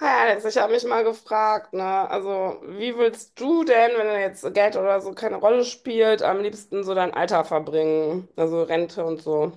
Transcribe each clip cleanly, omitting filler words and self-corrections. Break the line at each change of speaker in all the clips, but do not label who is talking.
Ja, jetzt ich habe mich mal gefragt, ne? Also, wie willst du denn, wenn jetzt Geld oder so keine Rolle spielt, am liebsten so dein Alter verbringen? Also Rente und so.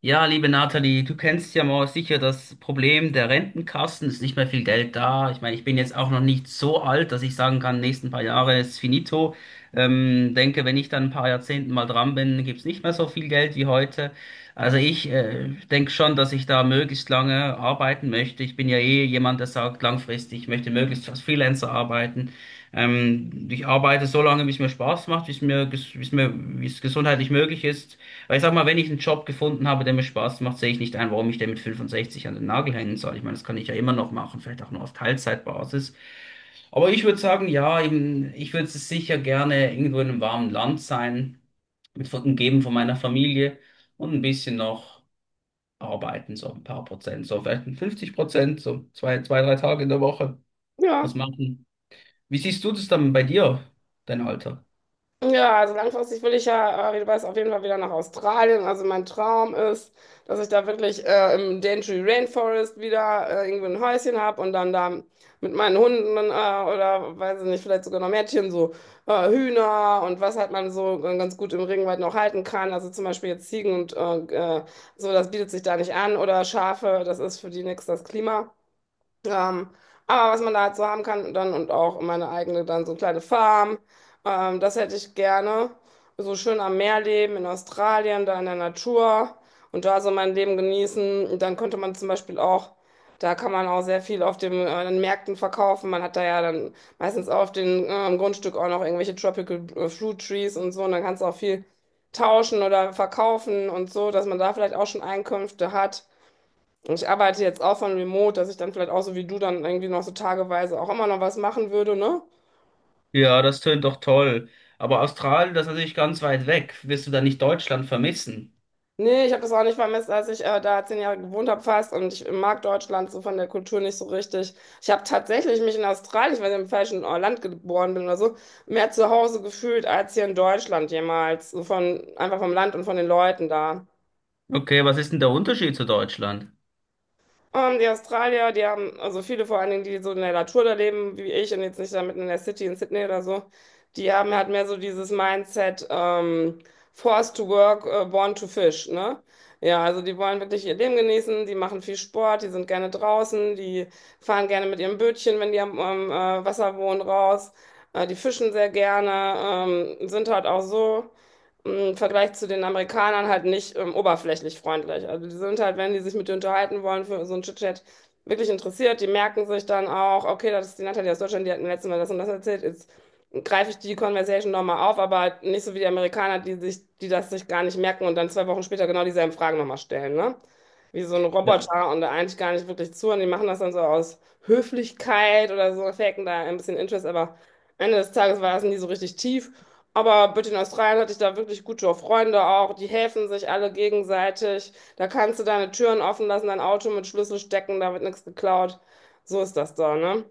Ja, liebe Nathalie, du kennst ja mal sicher das Problem der Rentenkassen. Es ist nicht mehr viel Geld da. Ich meine, ich bin jetzt auch noch nicht so alt, dass ich sagen kann, nächsten paar Jahre ist finito. Denke, wenn ich dann ein paar Jahrzehnten mal dran bin, gibt's nicht mehr so viel Geld wie heute. Also ich denke schon, dass ich da möglichst lange arbeiten möchte. Ich bin ja eh jemand, der sagt, langfristig, ich möchte möglichst als Freelancer arbeiten. Ich arbeite so lange, wie es mir Spaß macht, wie es mir, ges- wie es mir, wie es gesundheitlich möglich ist. Weil ich sag mal, wenn ich einen Job gefunden habe, der mir Spaß macht, sehe ich nicht ein, warum ich den mit 65 an den Nagel hängen soll. Ich meine, das kann ich ja immer noch machen, vielleicht auch nur auf Teilzeitbasis. Aber ich würde sagen, ja, eben, ich würde sicher gerne irgendwo in einem warmen Land sein, umgeben von meiner Familie und ein bisschen noch arbeiten, so ein paar Prozent, so vielleicht ein 50%, so zwei, drei Tage in der Woche
Ja.
was machen. Wie siehst du das dann bei dir, dein Alter?
Ja, also langfristig will ich ja, wie du weißt, auf jeden Fall wieder nach Australien. Also mein Traum ist, dass ich da wirklich im Daintree Rainforest wieder irgendwo ein Häuschen habe und dann da mit meinen Hunden oder weiß ich nicht, vielleicht sogar noch Mädchen, so Hühner und was halt man so ganz gut im Regenwald noch halten kann. Also zum Beispiel jetzt Ziegen und äh, so, das bietet sich da nicht an oder Schafe, das ist für die nix das Klima. Ähm, aber was man da halt so haben kann dann und auch meine eigene dann so kleine Farm, das hätte ich gerne. So schön am Meer leben in Australien, da in der Natur und da so mein Leben genießen. Und dann könnte man zum Beispiel auch, da kann man auch sehr viel auf den Märkten verkaufen. Man hat da ja dann meistens auf dem Grundstück auch noch irgendwelche Tropical Fruit Trees und so und dann kannst du auch viel tauschen oder verkaufen und so, dass man da vielleicht auch schon Einkünfte hat. Ich arbeite jetzt auch von Remote, dass ich dann vielleicht auch so wie du dann irgendwie noch so tageweise auch immer noch was machen würde, ne?
Ja, das tönt doch toll. Aber Australien, das ist natürlich ganz weit weg. Wirst du da nicht Deutschland vermissen?
Nee, ich habe das auch nicht vermisst, als ich da 10 Jahre gewohnt habe fast und ich mag Deutschland so von der Kultur nicht so richtig. Ich habe tatsächlich mich in Australien, weil ich im falschen Land geboren bin oder so, mehr zu Hause gefühlt als hier in Deutschland jemals. So von, einfach vom Land und von den Leuten da.
Okay, was ist denn der Unterschied zu Deutschland?
Die Australier, die haben, also viele vor allen Dingen, die so in der Natur da leben, wie ich und jetzt nicht da mitten in der City in Sydney oder so, die haben halt mehr so dieses Mindset, forced to work, born to fish, ne? Ja, also die wollen wirklich ihr Leben genießen, die machen viel Sport, die sind gerne draußen, die fahren gerne mit ihrem Bötchen, wenn die am Wasser wohnen, raus, die fischen sehr gerne, sind halt auch so im Vergleich zu den Amerikanern halt nicht oberflächlich freundlich. Also die sind halt, wenn die sich mit dir unterhalten wollen, für so ein Chit-Chat wirklich interessiert, die merken sich dann auch, okay, das ist die Natalie aus Deutschland, die hat mir letztes Mal das und das erzählt, jetzt greife ich die Conversation nochmal auf, aber halt nicht so wie die Amerikaner, die das sich gar nicht merken und dann 2 Wochen später genau dieselben Fragen nochmal stellen, ne? Wie so ein Roboter und da eigentlich gar nicht wirklich zu und die machen das dann so aus Höflichkeit oder so, faken da ein bisschen Interest, aber Ende des Tages war es nie so richtig tief. Aber bitte in Australien hatte ich da wirklich gute Freunde auch. Die helfen sich alle gegenseitig. Da kannst du deine Türen offen lassen, dein Auto mit Schlüssel stecken, da wird nichts geklaut. So ist das da, ne?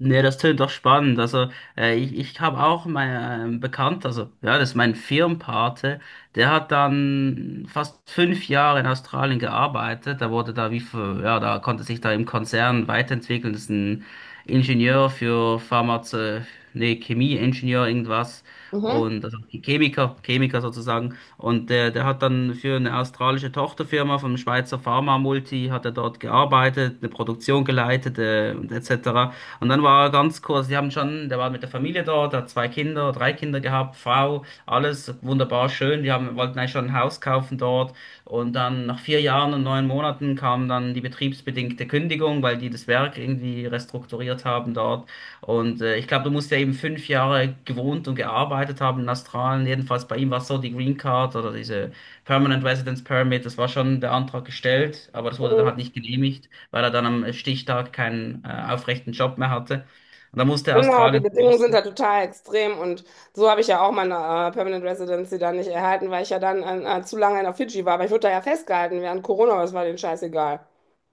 Nee, das tönt doch spannend. Also, ich habe auch mein also ja, das ist mein Firmenpate, der hat dann fast 5 Jahre in Australien gearbeitet. Der wurde da wie für, ja, da konnte sich da im Konzern weiterentwickeln. Das ist ein Ingenieur für Pharmaze, nee, Chemieingenieur, irgendwas.
Mhm.
Und also Chemiker sozusagen. Und der hat dann für eine australische Tochterfirma vom Schweizer Pharma-Multi, hat er dort gearbeitet, eine Produktion geleitet, und etc. Und dann war er ganz kurz, die haben schon, der war mit der Familie dort, hat drei Kinder gehabt, Frau, alles wunderbar schön. Die haben, wollten eigentlich schon ein Haus kaufen dort. Und dann nach 4 Jahren und 9 Monaten kam dann die betriebsbedingte Kündigung, weil die das Werk irgendwie restrukturiert haben dort. Und ich glaube, du musst ja eben 5 Jahre gewohnt und gearbeitet haben in Australien. Jedenfalls bei ihm war es so, die Green Card oder diese Permanent Residence Permit, das war schon der Antrag gestellt, aber das wurde dann
Mhm.
halt nicht genehmigt, weil er dann am Stichtag keinen aufrechten Job mehr hatte. Und da musste
Genau, die
Australien
Bedingungen sind da
verlassen.
total extrem und so habe ich ja auch meine Permanent Residency dann nicht erhalten, weil ich ja dann zu lange in der Fidschi war. Aber ich wurde da ja festgehalten während Corona, aber es war denen scheißegal.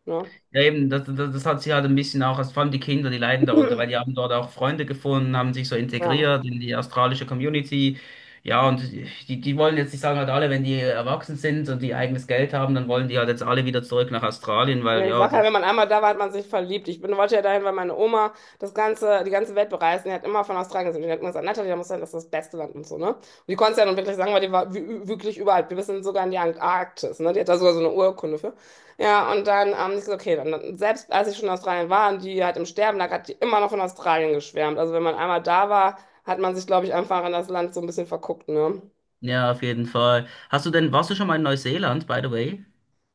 Ne?
Ja, eben, das hat sie halt ein bisschen auch, also vor allem die Kinder, die leiden darunter, weil die haben dort auch Freunde gefunden, haben sich so
Ja.
integriert in die australische Community. Ja, und die wollen jetzt, ich sage halt alle, wenn die erwachsen sind und die eigenes Geld haben, dann wollen die halt jetzt alle wieder zurück nach Australien, weil
Ja, ich
ja,
sage ja,
die,
wenn man einmal da war, hat man sich verliebt. Ich bin, wollte ja dahin, weil meine Oma die ganze Welt bereist. Und die hat immer von Australien gesehen. Und die hat immer gesagt, Natalia, da muss sein, das ist das beste Land und so, ne? Und die konnte es ja nun wirklich sagen, weil die war wirklich überall. Wir sind sogar in die Antarktis, ne? Die hat da sogar so eine Urkunde für. Ja, und dann, ich so, okay, selbst als ich schon in Australien war und die halt im Sterben lag, hat die immer noch von Australien geschwärmt. Also wenn man einmal da war, hat man sich, glaube ich, einfach an das Land so ein bisschen verguckt, ne?
ja, auf jeden Fall. Hast du denn, warst du schon mal in Neuseeland, by the way?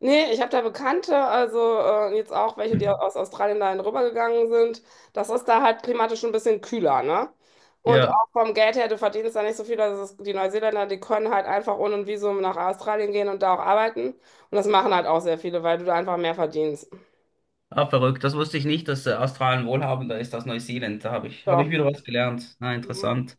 Nee, ich habe da Bekannte, also jetzt auch welche, die aus Australien dahin rübergegangen sind. Das ist da halt klimatisch ein bisschen kühler, ne? Und
Ja.
auch vom Geld her, du verdienst da nicht so viel. Also die Neuseeländer, die können halt einfach ohne ein Visum nach Australien gehen und da auch arbeiten. Und das machen halt auch sehr viele, weil du da einfach mehr verdienst.
Ah, verrückt. Das wusste ich nicht, dass Australien wohlhabender ist als Neuseeland. Da habe ich
So.
wieder was gelernt. Na,
Mhm.
interessant.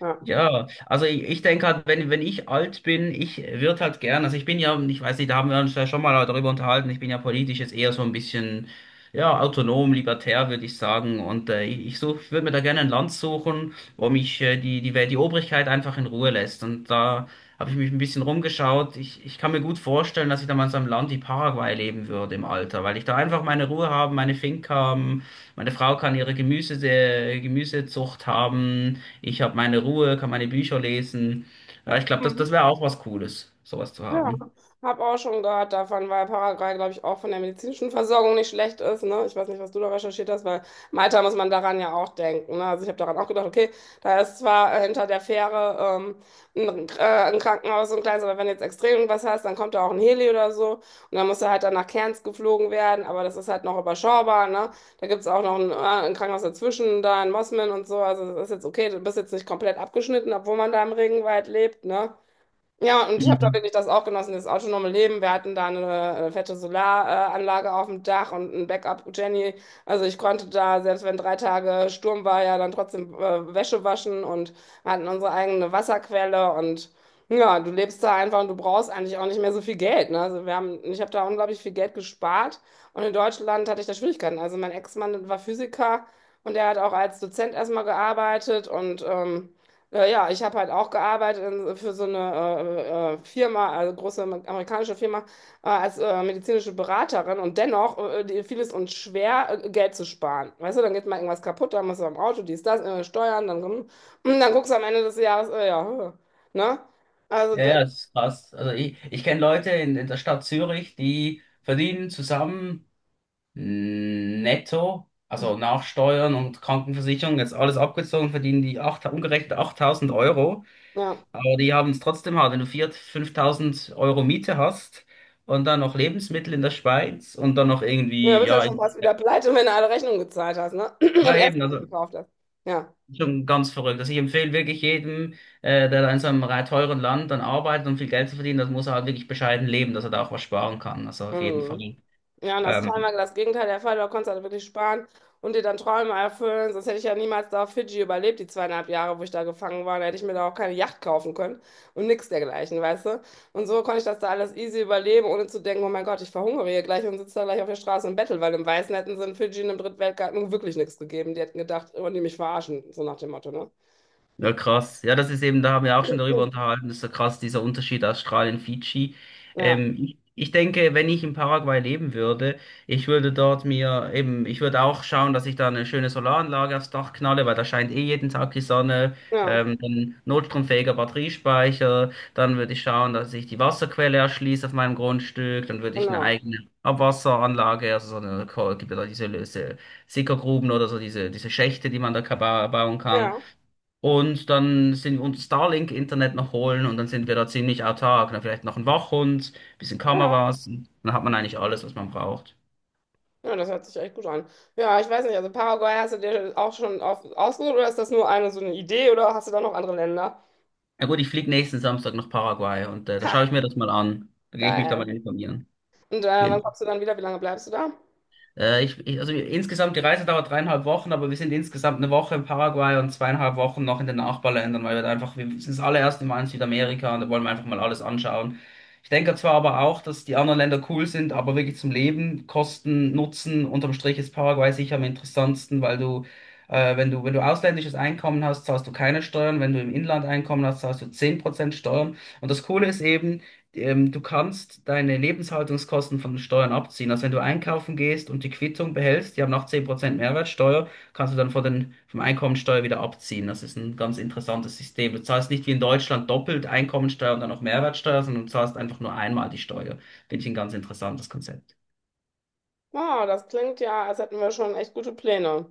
Ja.
Ja, also ich denke halt, wenn ich alt bin, ich würde halt gern, also ich bin ja, ich weiß nicht, da haben wir uns ja schon mal darüber unterhalten, ich bin ja politisch jetzt eher so ein bisschen, ja, autonom, libertär, würde ich sagen. Und ich würde mir da gerne ein Land suchen, wo mich die Obrigkeit einfach in Ruhe lässt. Und da habe ich mich ein bisschen rumgeschaut. Ich kann mir gut vorstellen, dass ich da mal in so einem Land wie Paraguay leben würde im Alter, weil ich da einfach meine Ruhe haben, meine Finca haben, meine Frau kann ihre Gemüsezucht haben. Ich habe meine Ruhe, kann meine Bücher lesen. Ja, ich glaube, das wäre auch was Cooles, sowas zu
Ja,
haben.
habe auch schon gehört davon, weil Paraguay, glaube ich, auch von der medizinischen Versorgung nicht schlecht ist. Ne? Ich weiß nicht, was du da recherchiert hast, weil Malta muss man daran ja auch denken. Ne? Also ich habe daran auch gedacht, okay, da ist zwar hinter der Fähre ähm, ein, äh, ein Krankenhaus und ein kleines, aber wenn du jetzt extrem irgendwas hast, dann kommt da auch ein Heli oder so und dann musst du halt dann nach Cairns geflogen werden, aber das ist halt noch überschaubar. Ne? Da gibt es auch noch ein Krankenhaus dazwischen, da in Mosman und so. Also das ist jetzt okay, du bist jetzt nicht komplett abgeschnitten, obwohl man da im Regenwald lebt. Ne? Ja, und ich habe da
Mhm.
wirklich das auch genossen, das autonome Leben. Wir hatten da fette Solaranlage auf dem Dach und ein Backup-Jenny. Also ich konnte da, selbst wenn 3 Tage Sturm war, ja dann trotzdem Wäsche waschen und hatten unsere eigene Wasserquelle und ja, du lebst da einfach und du brauchst eigentlich auch nicht mehr so viel Geld. Ne? Also ich habe da unglaublich viel Geld gespart und in Deutschland hatte ich da Schwierigkeiten. Also mein Ex-Mann war Physiker und er hat auch als Dozent erstmal gearbeitet und ja, ich habe halt auch gearbeitet in, für so eine Firma, also große amerikanische Firma, als medizinische Beraterin und dennoch fiel es uns schwer, Geld zu sparen. Weißt du, dann geht mal irgendwas kaputt, dann musst du am Auto, dies, das, Steuern, dann, und dann guckst du am Ende des Jahres, ja, ne? Also,
Ja,
der-
ja, das ist krass. Also ich kenne Leute in der Stadt Zürich, die verdienen zusammen netto, also nach Steuern und Krankenversicherung, jetzt alles abgezogen, verdienen die acht, umgerechnet 8.000 Euro.
ja.
Aber die haben es trotzdem hart, wenn du 4.000, 5.000 Euro Miete hast und dann noch Lebensmittel in der Schweiz und dann noch
Ja, du
irgendwie,
bist ja
ja,
schon fast wieder pleite, wenn du alle Rechnungen gezahlt hast, ne?
ja
Und Essen
eben, also
gekauft hast. Ja.
schon ganz verrückt. Also ich empfehle wirklich jedem, der da in so einem teuren Land dann arbeitet und viel Geld zu verdienen, das muss er halt wirklich bescheiden leben, dass er da auch was sparen kann. Also auf jeden
Mhm.
Fall.
Ja, und das war immer
Ähm,
das Gegenteil der Fall. Du konntest halt wirklich sparen und dir dann Träume erfüllen. Sonst hätte ich ja niemals da auf Fidschi überlebt, die 2,5 Jahre, wo ich da gefangen war. Da hätte ich mir da auch keine Yacht kaufen können und nichts dergleichen, weißt du? Und so konnte ich das da alles easy überleben, ohne zu denken, oh mein Gott, ich verhungere hier gleich und sitze da gleich auf der Straße und bettel, weil im Weißen hätten sie in Fidschi in einem Drittweltgarten nun wirklich nichts gegeben. Die hätten gedacht, oh, die mich verarschen, so nach dem Motto, ne?
Ja, krass. Ja, das ist eben, da haben wir auch schon darüber unterhalten, das ist so krass, dieser Unterschied Australien, Fidschi.
Ja,
Ich denke, wenn ich in Paraguay leben würde, ich würde dort mir eben, ich würde auch schauen, dass ich da eine schöne Solaranlage aufs Dach knalle, weil da scheint eh jeden Tag die Sonne,
ja,
dann notstromfähiger Batteriespeicher, dann würde ich schauen, dass ich die Wasserquelle erschließe auf meinem Grundstück, dann würde ich eine
genau.
eigene Abwasseranlage, also so eine, gibt ja da diese Sickergruben oder so diese Schächte, die man da bauen kann.
Ja,
Und dann sind wir uns Starlink-Internet noch holen und dann sind wir da ziemlich autark. Dann vielleicht noch ein Wachhund, bisschen
ja.
Kameras. Und dann hat man eigentlich alles, was man braucht.
Ja, das hört sich echt gut an. Ja, ich weiß nicht, also Paraguay hast du dir auch schon auf, ausgesucht oder ist das nur eine so eine Idee oder hast du da noch andere Länder?
Na gut, ich fliege nächsten Samstag nach Paraguay und da schaue ich
Ha,
mir das mal an. Da gehe ich mich da mal
geil.
informieren.
Und
Auf
wann
jeden
kommst du dann wieder? Wie lange bleibst du da?
Ich, ich, also insgesamt, die Reise dauert dreieinhalb Wochen, aber wir sind insgesamt eine Woche in Paraguay und zweieinhalb Wochen noch in den Nachbarländern, weil wir da einfach, wir sind das allererste Mal in Südamerika und da wollen wir einfach mal alles anschauen. Ich denke zwar aber auch, dass die anderen Länder cool sind, aber wirklich zum Leben, Kosten, Nutzen, unterm Strich ist Paraguay sicher am interessantesten, weil du, wenn du ausländisches Einkommen hast, zahlst du keine Steuern, wenn du im Inland Einkommen hast, zahlst du 10% Steuern. Und das Coole ist eben, du kannst deine Lebenshaltungskosten von den Steuern abziehen. Also wenn du einkaufen gehst und die Quittung behältst, die haben noch 10% Mehrwertsteuer, kannst du dann von vom Einkommensteuer wieder abziehen. Das ist ein ganz interessantes System. Du zahlst nicht wie in Deutschland doppelt Einkommensteuer und dann noch Mehrwertsteuer, sondern du zahlst einfach nur einmal die Steuer. Finde ich ein ganz interessantes Konzept.
Wow, das klingt ja, als hätten wir schon echt gute Pläne.